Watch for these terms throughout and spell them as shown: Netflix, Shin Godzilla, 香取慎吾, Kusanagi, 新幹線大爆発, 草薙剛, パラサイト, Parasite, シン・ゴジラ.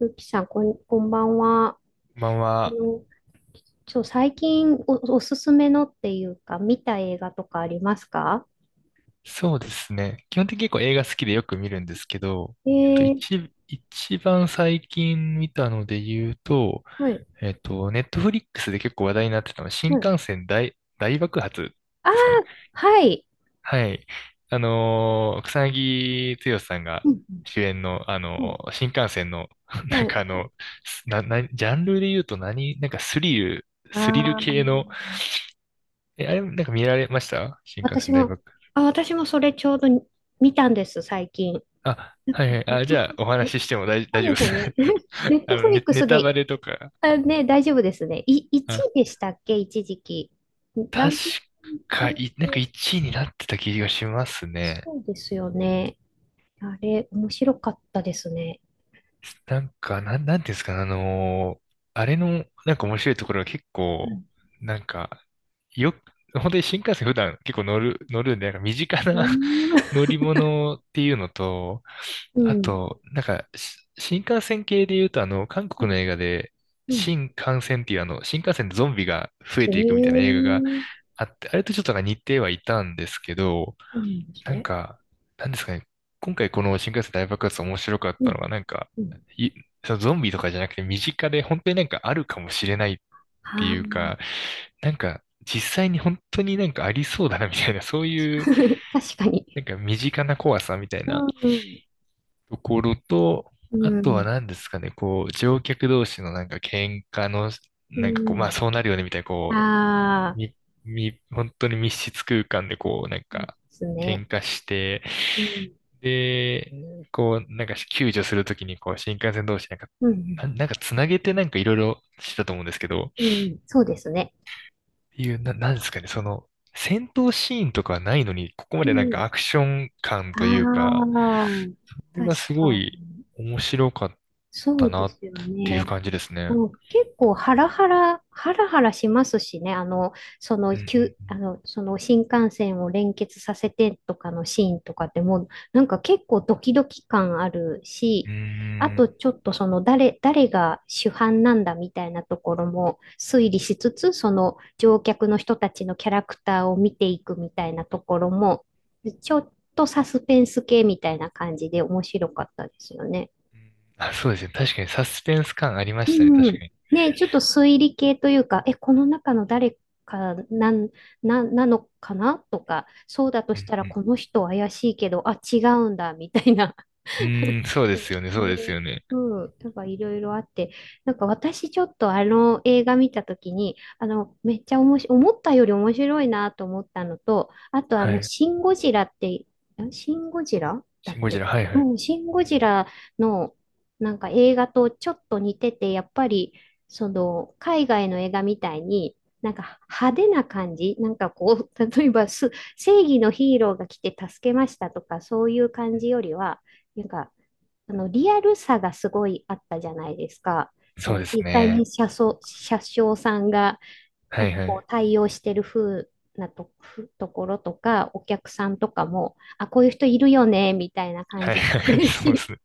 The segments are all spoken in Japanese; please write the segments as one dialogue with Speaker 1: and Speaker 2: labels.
Speaker 1: ゆきさん、こんばんは。
Speaker 2: こんばん
Speaker 1: あ
Speaker 2: は。
Speaker 1: の、最近おすすめのっていうか、見た映画とかありますか？
Speaker 2: そうですね。基本的に結構映画好きでよく見るんですけど、
Speaker 1: えー、
Speaker 2: 一番最近見たので言うと、
Speaker 1: はい、
Speaker 2: ネットフリックスで結構話題になってたのは、新
Speaker 1: はい。
Speaker 2: 幹線大爆発
Speaker 1: あ
Speaker 2: ですかね。
Speaker 1: あ、はい。
Speaker 2: はい。草薙剛さんが
Speaker 1: うん、
Speaker 2: 主演の、
Speaker 1: うん、
Speaker 2: 新幹線の、
Speaker 1: は
Speaker 2: な
Speaker 1: い。
Speaker 2: ん
Speaker 1: は
Speaker 2: か
Speaker 1: い。
Speaker 2: ジャンルで言うと何、なんかスリル
Speaker 1: ああ。
Speaker 2: 系の、あれ、なんか見られました新幹
Speaker 1: 私
Speaker 2: 線大
Speaker 1: も、
Speaker 2: 爆
Speaker 1: 私もそれちょうどに見たんです、最近。
Speaker 2: あ、
Speaker 1: なん
Speaker 2: は
Speaker 1: か、
Speaker 2: いはい。
Speaker 1: ネッ
Speaker 2: あ、
Speaker 1: ト
Speaker 2: じゃあ、
Speaker 1: フ、
Speaker 2: お話ししても
Speaker 1: そ
Speaker 2: 大
Speaker 1: う
Speaker 2: 丈夫
Speaker 1: で
Speaker 2: で
Speaker 1: すよね。
Speaker 2: す。
Speaker 1: ネ ットフリック
Speaker 2: ネ
Speaker 1: ス
Speaker 2: タバ
Speaker 1: で、
Speaker 2: レとか。
Speaker 1: あ、ね、大丈夫ですね。1
Speaker 2: あ、
Speaker 1: 位でしたっけ、一時期？ラ
Speaker 2: 確
Speaker 1: ンキン
Speaker 2: か、
Speaker 1: グ。
Speaker 2: なんか1位になってた気がしますね。
Speaker 1: そうですよね。あれ、面白かったですね。
Speaker 2: なんか、なんていうんですか、あれの、なんか面白いところが結
Speaker 1: う
Speaker 2: 構、
Speaker 1: ん。
Speaker 2: なんか、よく、本当に新幹線普段結構乗るんで、なんか身近
Speaker 1: うー
Speaker 2: な
Speaker 1: ん。
Speaker 2: 乗り物っていうのと、
Speaker 1: う
Speaker 2: あ
Speaker 1: ん。
Speaker 2: と、なんか、新幹線系で言うと、あの、韓
Speaker 1: う
Speaker 2: 国
Speaker 1: ん。
Speaker 2: の映画で、
Speaker 1: うん。
Speaker 2: 新幹線っていう新幹線でゾンビが増え
Speaker 1: え
Speaker 2: ていくみたいな
Speaker 1: え。
Speaker 2: 映画があって、あれとちょっとなんか似てはいたんですけど、
Speaker 1: そうなんです
Speaker 2: なん
Speaker 1: ね。
Speaker 2: か、なんですかね。今回この新幹線大爆発面白かっ
Speaker 1: う
Speaker 2: たの
Speaker 1: ん。
Speaker 2: が、なんか、
Speaker 1: うん。
Speaker 2: い、そのゾンビとかじゃなくて身近で本当になんかあるかもしれないって
Speaker 1: ああ、
Speaker 2: いうか、なんか実際に本当になんかありそうだなみたいな、そうい う
Speaker 1: 確かに。
Speaker 2: なんか身近な怖さみたいな
Speaker 1: うん。
Speaker 2: ところと、
Speaker 1: う
Speaker 2: あとは
Speaker 1: ん。
Speaker 2: 何ですかね、こう乗客同士のなんか喧嘩の、
Speaker 1: う
Speaker 2: なんかこう、まあそうなるよねみたいな、こ
Speaker 1: ん。あ
Speaker 2: み、
Speaker 1: あ、
Speaker 2: み、本当に密室空間でこう、なん
Speaker 1: そうで
Speaker 2: か、
Speaker 1: すね。
Speaker 2: 喧嘩して、
Speaker 1: うん。
Speaker 2: で、こう、なんか救助するときに、こう、新幹線同士なんか、
Speaker 1: うん。
Speaker 2: なんかつなげてなんかいろいろしてたと思うんですけど、っ
Speaker 1: うん。うん。そうですね。
Speaker 2: ていう、なんですかね、その、戦闘シーンとかはないのに、ここま
Speaker 1: う
Speaker 2: でなん
Speaker 1: ん。
Speaker 2: かアクション感
Speaker 1: あ
Speaker 2: というか、
Speaker 1: あ、
Speaker 2: これ
Speaker 1: 確
Speaker 2: がすご
Speaker 1: か
Speaker 2: い
Speaker 1: に。
Speaker 2: 面白かっ
Speaker 1: そ
Speaker 2: た
Speaker 1: う
Speaker 2: な
Speaker 1: で
Speaker 2: っ
Speaker 1: すよ
Speaker 2: ていう
Speaker 1: ね。
Speaker 2: 感じですね。
Speaker 1: うん、結構ハラハラ、ハラハラしますしね、そ
Speaker 2: う
Speaker 1: の、急あ
Speaker 2: ん
Speaker 1: の、その新幹線を連結させてとかのシーンとかでもなんか結構ドキドキ感ある
Speaker 2: うん
Speaker 1: し、
Speaker 2: う
Speaker 1: あ
Speaker 2: ん。うー
Speaker 1: と
Speaker 2: ん。
Speaker 1: ちょっとその誰が主犯なんだみたいなところも推理しつつ、その乗客の人たちのキャラクターを見ていくみたいなところも、ちょっとサスペンス系みたいな感じで面白かったですよね。
Speaker 2: あ、そうですね。確かにサスペンス感ありましたね。確
Speaker 1: うん。
Speaker 2: かに。
Speaker 1: ねえ、ちょっと推理系というか、この中の誰かなのかなとか、そうだと
Speaker 2: う
Speaker 1: したら
Speaker 2: ん
Speaker 1: この人怪しいけど、あ、違うんだ、みたいな。
Speaker 2: う ーん、そうですよね、そうです
Speaker 1: で、
Speaker 2: よね。
Speaker 1: うん、なんかいろいろあって、なんか私ちょっとあの映画見たときに、めっちゃ面白い、思ったより面白いなと思ったのと、あと
Speaker 2: はい。
Speaker 1: シン・ゴジラって、シン・ゴジラだっ
Speaker 2: シン・ゴジ
Speaker 1: け？
Speaker 2: ラ、はいはい。
Speaker 1: うん、シン・ゴジラのなんか映画とちょっと似てて、やっぱり、その、海外の映画みたいに、なんか派手な感じ、なんかこう、例えば正義のヒーローが来て助けましたとか、そういう感じよりは、なんか、リアルさがすごいあったじゃないですか。だ
Speaker 2: そ
Speaker 1: か
Speaker 2: う
Speaker 1: ら
Speaker 2: です
Speaker 1: 実際
Speaker 2: ね。
Speaker 1: に車掌さんが
Speaker 2: は
Speaker 1: なん
Speaker 2: い
Speaker 1: か
Speaker 2: は
Speaker 1: こう
Speaker 2: い。
Speaker 1: 対応してる風なと、ところとか、お客さんとかも、あ、こういう人いるよね、みたいな感
Speaker 2: はい
Speaker 1: じ。
Speaker 2: はい、そうで
Speaker 1: し
Speaker 2: すね。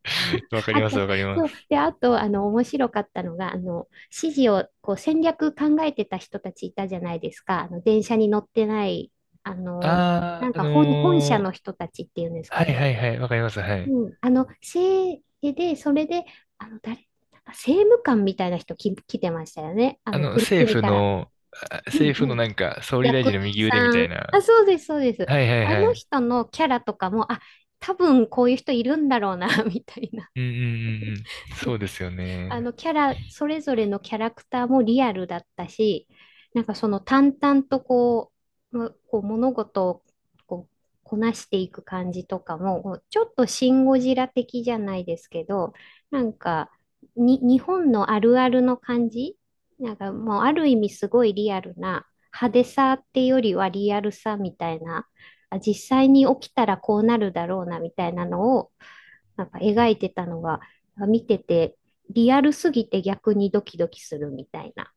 Speaker 2: わか
Speaker 1: あ
Speaker 2: り
Speaker 1: と、
Speaker 2: ます、わかりま
Speaker 1: そう。
Speaker 2: す。
Speaker 1: で、あと、面白かったのが、指示を、こう、戦略考えてた人たちいたじゃないですか。電車に乗ってない、あの、
Speaker 2: あ
Speaker 1: な
Speaker 2: あ、
Speaker 1: んか本社の人たちっていうんですか
Speaker 2: はいは
Speaker 1: ね。
Speaker 2: いはい、わかります、はい。
Speaker 1: うん、それで、あの、誰、なんか政務官みたいな人来てましたよね。
Speaker 2: あの、
Speaker 1: 国、
Speaker 2: 政
Speaker 1: 国
Speaker 2: 府
Speaker 1: から。
Speaker 2: の、
Speaker 1: うん、
Speaker 2: 政府
Speaker 1: う
Speaker 2: の
Speaker 1: ん。
Speaker 2: なんか、総理大
Speaker 1: 役
Speaker 2: 臣
Speaker 1: 人
Speaker 2: の右腕みた
Speaker 1: さ
Speaker 2: い
Speaker 1: ん。あ、
Speaker 2: な。
Speaker 1: そうです、そうです。
Speaker 2: はいはい
Speaker 1: あ
Speaker 2: は
Speaker 1: の
Speaker 2: い。
Speaker 1: 人のキャラとかも、あ、多分こういう人いるんだろうな、みたいな。
Speaker 2: うんうんうんうん。そうですよ
Speaker 1: あ
Speaker 2: ね。
Speaker 1: のキャラ、それぞれのキャラクターもリアルだったし、なんかその淡々とこう物事をこうこなしていく感じとかも、こうちょっとシン・ゴジラ的じゃないですけど、なんか日本のあるあるの感じ、なんかもうある意味すごいリアルな派手さっていうよりはリアルさみたいな、あ実際に起きたらこうなるだろうなみたいなのをなんか
Speaker 2: う
Speaker 1: 描
Speaker 2: ん
Speaker 1: いてたのが、見てて、リアルすぎて逆にドキドキするみたいな、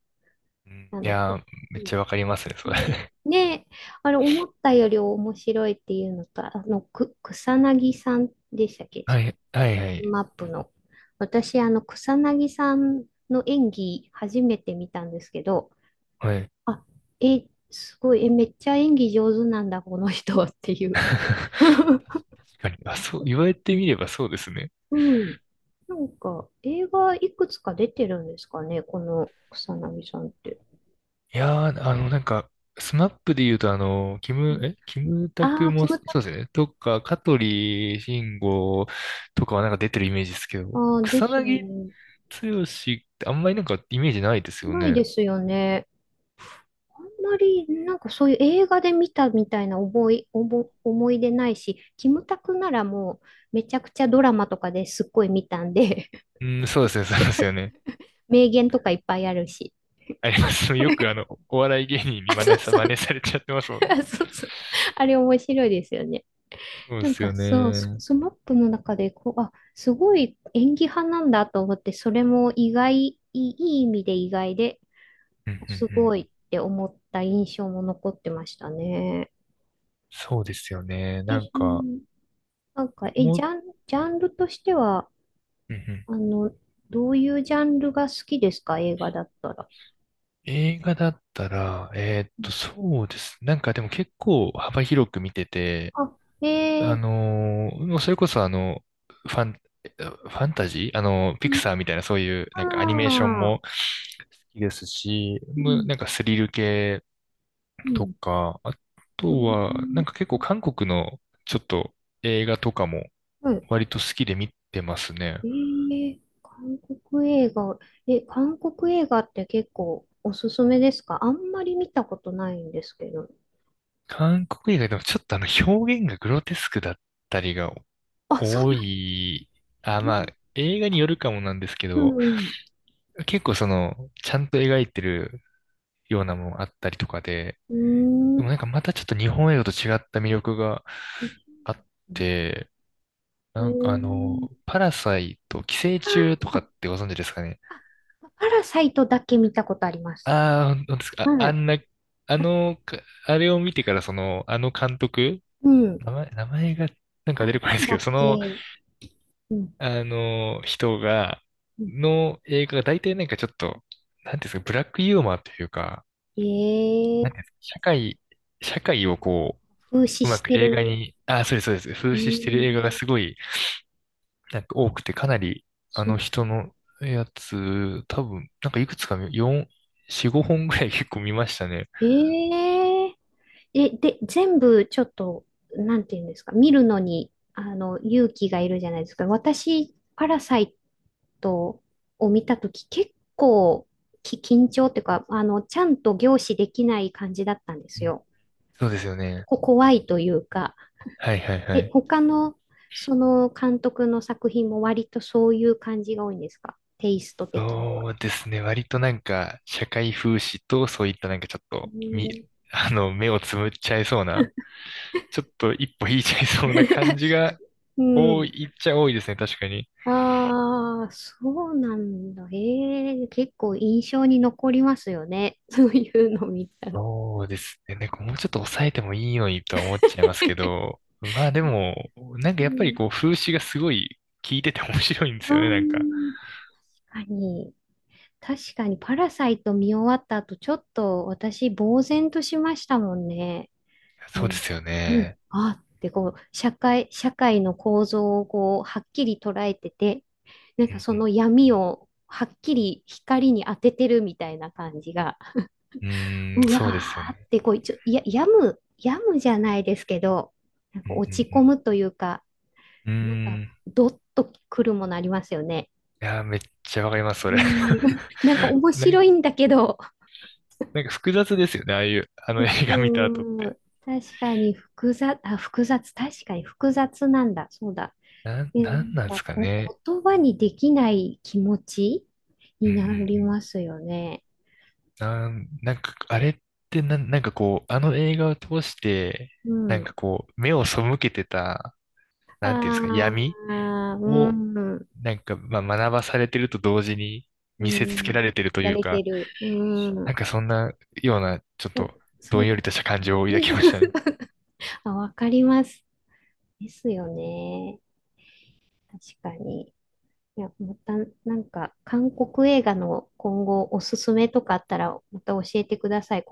Speaker 2: うん
Speaker 1: あ
Speaker 2: い
Speaker 1: の、
Speaker 2: やー、め
Speaker 1: う
Speaker 2: っ
Speaker 1: ん。
Speaker 2: ちゃわかりますね、それ。
Speaker 1: ね、 ね、あれ、思ったより面白いっていうのと、草薙さんでしたっけ？
Speaker 2: はい、はい、はい、
Speaker 1: マップの。私、草薙さんの演技、初めて見たんですけど、
Speaker 2: はい。
Speaker 1: あ、すごい、めっちゃ演技上手なんだ、この人ってい う。
Speaker 2: 確 かに。あ、そう、言われてみればそうですね。
Speaker 1: うん。なんか、映画いくつか出てるんですかね、この草薙さんって。
Speaker 2: いやー、なんか、スマップで言うと、
Speaker 1: うん、
Speaker 2: キムタ
Speaker 1: あ
Speaker 2: ク
Speaker 1: あ、キ
Speaker 2: も、
Speaker 1: ムタ
Speaker 2: そうです
Speaker 1: ク。
Speaker 2: よね。とか、香取慎吾とかはなんか出てるイメージですけど、
Speaker 1: ああ、で
Speaker 2: 草
Speaker 1: すよ
Speaker 2: 薙
Speaker 1: ね。
Speaker 2: 剛ってあんまりなんかイメージないですよ
Speaker 1: ない
Speaker 2: ね。
Speaker 1: ですよね。あんまり、なんかそういう映画で見たみたいな覚え、おぼ、思い出ないし、キムタクならもう、めちゃくちゃドラマとかですっごい見たんで。
Speaker 2: うん、そうですね、そうですよね。
Speaker 1: 名言とかいっぱいあるし。
Speaker 2: あります。よくお笑い芸人に
Speaker 1: あ、そうそ
Speaker 2: 真似
Speaker 1: う。
Speaker 2: されちゃってますもんね。
Speaker 1: あ、そうそう。あれ面白いですよね。
Speaker 2: そうで
Speaker 1: なん
Speaker 2: す
Speaker 1: か
Speaker 2: よね。
Speaker 1: そう、
Speaker 2: うん
Speaker 1: マップの中でこう、あ、すごい演技派なんだと思って、それも意外、いい意味で意外で、
Speaker 2: うんう
Speaker 1: すご
Speaker 2: ん。
Speaker 1: いって思った印象も残ってましたね。
Speaker 2: そうですよね。なん
Speaker 1: そ
Speaker 2: か、
Speaker 1: のなんか、
Speaker 2: もう、
Speaker 1: ジャンルとしては、
Speaker 2: うんうん。
Speaker 1: あの、どういうジャンルが好きですか？映画だったら。
Speaker 2: 映画だったら、
Speaker 1: うん。
Speaker 2: そうですね。なんかでも結構幅広く見てて、
Speaker 1: あ。えー。
Speaker 2: もうそれこそファンタジー
Speaker 1: う
Speaker 2: ピクサ
Speaker 1: ん。
Speaker 2: ーみたいなそういうなんかアニメーション
Speaker 1: あ
Speaker 2: も好きですし、
Speaker 1: ー。うん。
Speaker 2: なんかスリル系
Speaker 1: う
Speaker 2: と
Speaker 1: ん。
Speaker 2: か、あ
Speaker 1: う
Speaker 2: と
Speaker 1: ん。
Speaker 2: はなんか結構韓国のちょっと映画とかも
Speaker 1: うん。
Speaker 2: 割と好きで見てますね。
Speaker 1: えー、韓国映画、韓国映画って結構おすすめですか？あんまり見たことないんですけど。
Speaker 2: 韓国映画でもちょっとあの表現がグロテスクだったりが
Speaker 1: あ、そう
Speaker 2: 多
Speaker 1: なんだ。
Speaker 2: い、あ、
Speaker 1: え
Speaker 2: まあ、映画によるかもなんですけ
Speaker 1: う
Speaker 2: ど、
Speaker 1: ん。
Speaker 2: 結構その、ちゃんと描いてるようなものあったりとかで、
Speaker 1: うー
Speaker 2: でも
Speaker 1: ん。
Speaker 2: なんかまたちょっと日本映画と違った魅力があって、
Speaker 1: え
Speaker 2: なんか
Speaker 1: ー、
Speaker 2: パラサイト、寄生虫と
Speaker 1: あ
Speaker 2: か
Speaker 1: ー、
Speaker 2: ってご存知ですかね。
Speaker 1: あ、パラサイトだけ見たことあります。
Speaker 2: ああ、本当ですか。あ、
Speaker 1: は
Speaker 2: あ
Speaker 1: い。
Speaker 2: んな、あの、かあれを見てからその、あの監督、
Speaker 1: うん。な
Speaker 2: 名前がなんか出てこないで
Speaker 1: ん
Speaker 2: すけ
Speaker 1: だ
Speaker 2: ど、
Speaker 1: っ
Speaker 2: その、
Speaker 1: け？うん。
Speaker 2: あの、人が、
Speaker 1: うん。
Speaker 2: の映画が大体なんかちょっと、なんていうんですか、ブラックユーモアというか、
Speaker 1: え
Speaker 2: な
Speaker 1: ー、
Speaker 2: んていうんですか、社会をこ
Speaker 1: 風刺
Speaker 2: う、うま
Speaker 1: し
Speaker 2: く
Speaker 1: て
Speaker 2: 映画
Speaker 1: る。
Speaker 2: に、あ、そうです、そうです、
Speaker 1: う
Speaker 2: 風
Speaker 1: ー
Speaker 2: 刺してる映画
Speaker 1: ん。
Speaker 2: がすごい、なんか多くて、かなり、あ
Speaker 1: そ
Speaker 2: の
Speaker 1: う。
Speaker 2: 人のやつ、多分、なんかいくつか見、4、4、5本ぐらい 結構見ましたね。
Speaker 1: えー、で、全部ちょっと、なんていうんですか、見るのに、勇気がいるじゃないですか。私、パラサイトを見たとき、結構緊張っていうか、ちゃんと凝視できない感じだったんで
Speaker 2: う
Speaker 1: す
Speaker 2: ん
Speaker 1: よ。
Speaker 2: そうですよね。
Speaker 1: 怖いというか、
Speaker 2: はいはいはい。
Speaker 1: 他の、その監督の作品も割とそういう感じが多いんですか？テイスト的には。
Speaker 2: そうですね。割となんか、社会風刺と、そういったなんかちょっ
Speaker 1: う
Speaker 2: と、
Speaker 1: ん。
Speaker 2: 目をつむっちゃいそうな、ちょっと一歩引いちゃいそうな感じが
Speaker 1: う
Speaker 2: 多
Speaker 1: ん。
Speaker 2: いっちゃ多いですね。確かに。
Speaker 1: ああ、そうなんだ。ええ、結構印象に残りますよね。そういうの見たら。
Speaker 2: そうですね。なんかもうちょっと抑えてもいいのにとは思っちゃいますけど、まあでも、なん
Speaker 1: う
Speaker 2: かやっぱり
Speaker 1: ん。
Speaker 2: こう、風刺がすごい効いてて 面白いんで
Speaker 1: あ
Speaker 2: すよね。なんか。
Speaker 1: ー、確かに。確かに、パラサイト見終わった後、ちょっと私、呆然としましたもんね。う
Speaker 2: そうで
Speaker 1: ん。
Speaker 2: すよ
Speaker 1: うん。
Speaker 2: ね。
Speaker 1: あーって、こう、社会の構造をこう、はっきり捉えてて、なん
Speaker 2: う
Speaker 1: か
Speaker 2: ん
Speaker 1: そ
Speaker 2: うん
Speaker 1: の闇をはっきり光に当ててるみたいな感じが。
Speaker 2: うん、うー
Speaker 1: う
Speaker 2: ん、
Speaker 1: わ
Speaker 2: そうですよ
Speaker 1: ーっ
Speaker 2: ね。
Speaker 1: てこう一応、いや、病む、病むじゃないですけど、なん
Speaker 2: うん
Speaker 1: か
Speaker 2: う
Speaker 1: 落ち込
Speaker 2: ん
Speaker 1: むというか、
Speaker 2: うん。う
Speaker 1: なん
Speaker 2: ー
Speaker 1: か
Speaker 2: ん
Speaker 1: ドッとくるものありますよね。
Speaker 2: いやー、めっちゃわかります、そ
Speaker 1: う
Speaker 2: れ。
Speaker 1: ん、なんか 面
Speaker 2: なん、
Speaker 1: 白いんだけど、
Speaker 2: なんか複雑ですよね、ああいう、あの映画見た後っ
Speaker 1: う
Speaker 2: て。
Speaker 1: ん、確かに複雑、あ、複雑、確かに複雑なんだ、そうだ。で、な
Speaker 2: なんなんで
Speaker 1: んか
Speaker 2: すか
Speaker 1: こ
Speaker 2: ね。
Speaker 1: う言葉にできない気持ち
Speaker 2: うん
Speaker 1: に
Speaker 2: うんう
Speaker 1: なり
Speaker 2: ん。
Speaker 1: ますよね。
Speaker 2: なんか、あれってなんかこう、あの映画を通して、
Speaker 1: う
Speaker 2: なん
Speaker 1: ん。
Speaker 2: かこう、目を背けてた、なんていうんですか、
Speaker 1: あ
Speaker 2: 闇
Speaker 1: あ、う
Speaker 2: を、
Speaker 1: ん、
Speaker 2: なんか、まあ、学ばされてると同時に
Speaker 1: う
Speaker 2: 見せつけ
Speaker 1: ん、
Speaker 2: られてると
Speaker 1: や
Speaker 2: いう
Speaker 1: れて
Speaker 2: か、
Speaker 1: る。う
Speaker 2: な
Speaker 1: ん。
Speaker 2: んかそんなような、ちょっ
Speaker 1: そ、
Speaker 2: と、ど
Speaker 1: そう
Speaker 2: ん
Speaker 1: で
Speaker 2: よりとした感情を
Speaker 1: す
Speaker 2: 抱
Speaker 1: ね。
Speaker 2: きましたね。
Speaker 1: あ、わかります。ですよね。確かに。いや、また、なんか、韓国映画の今後おすすめとかあったら、また教えてください。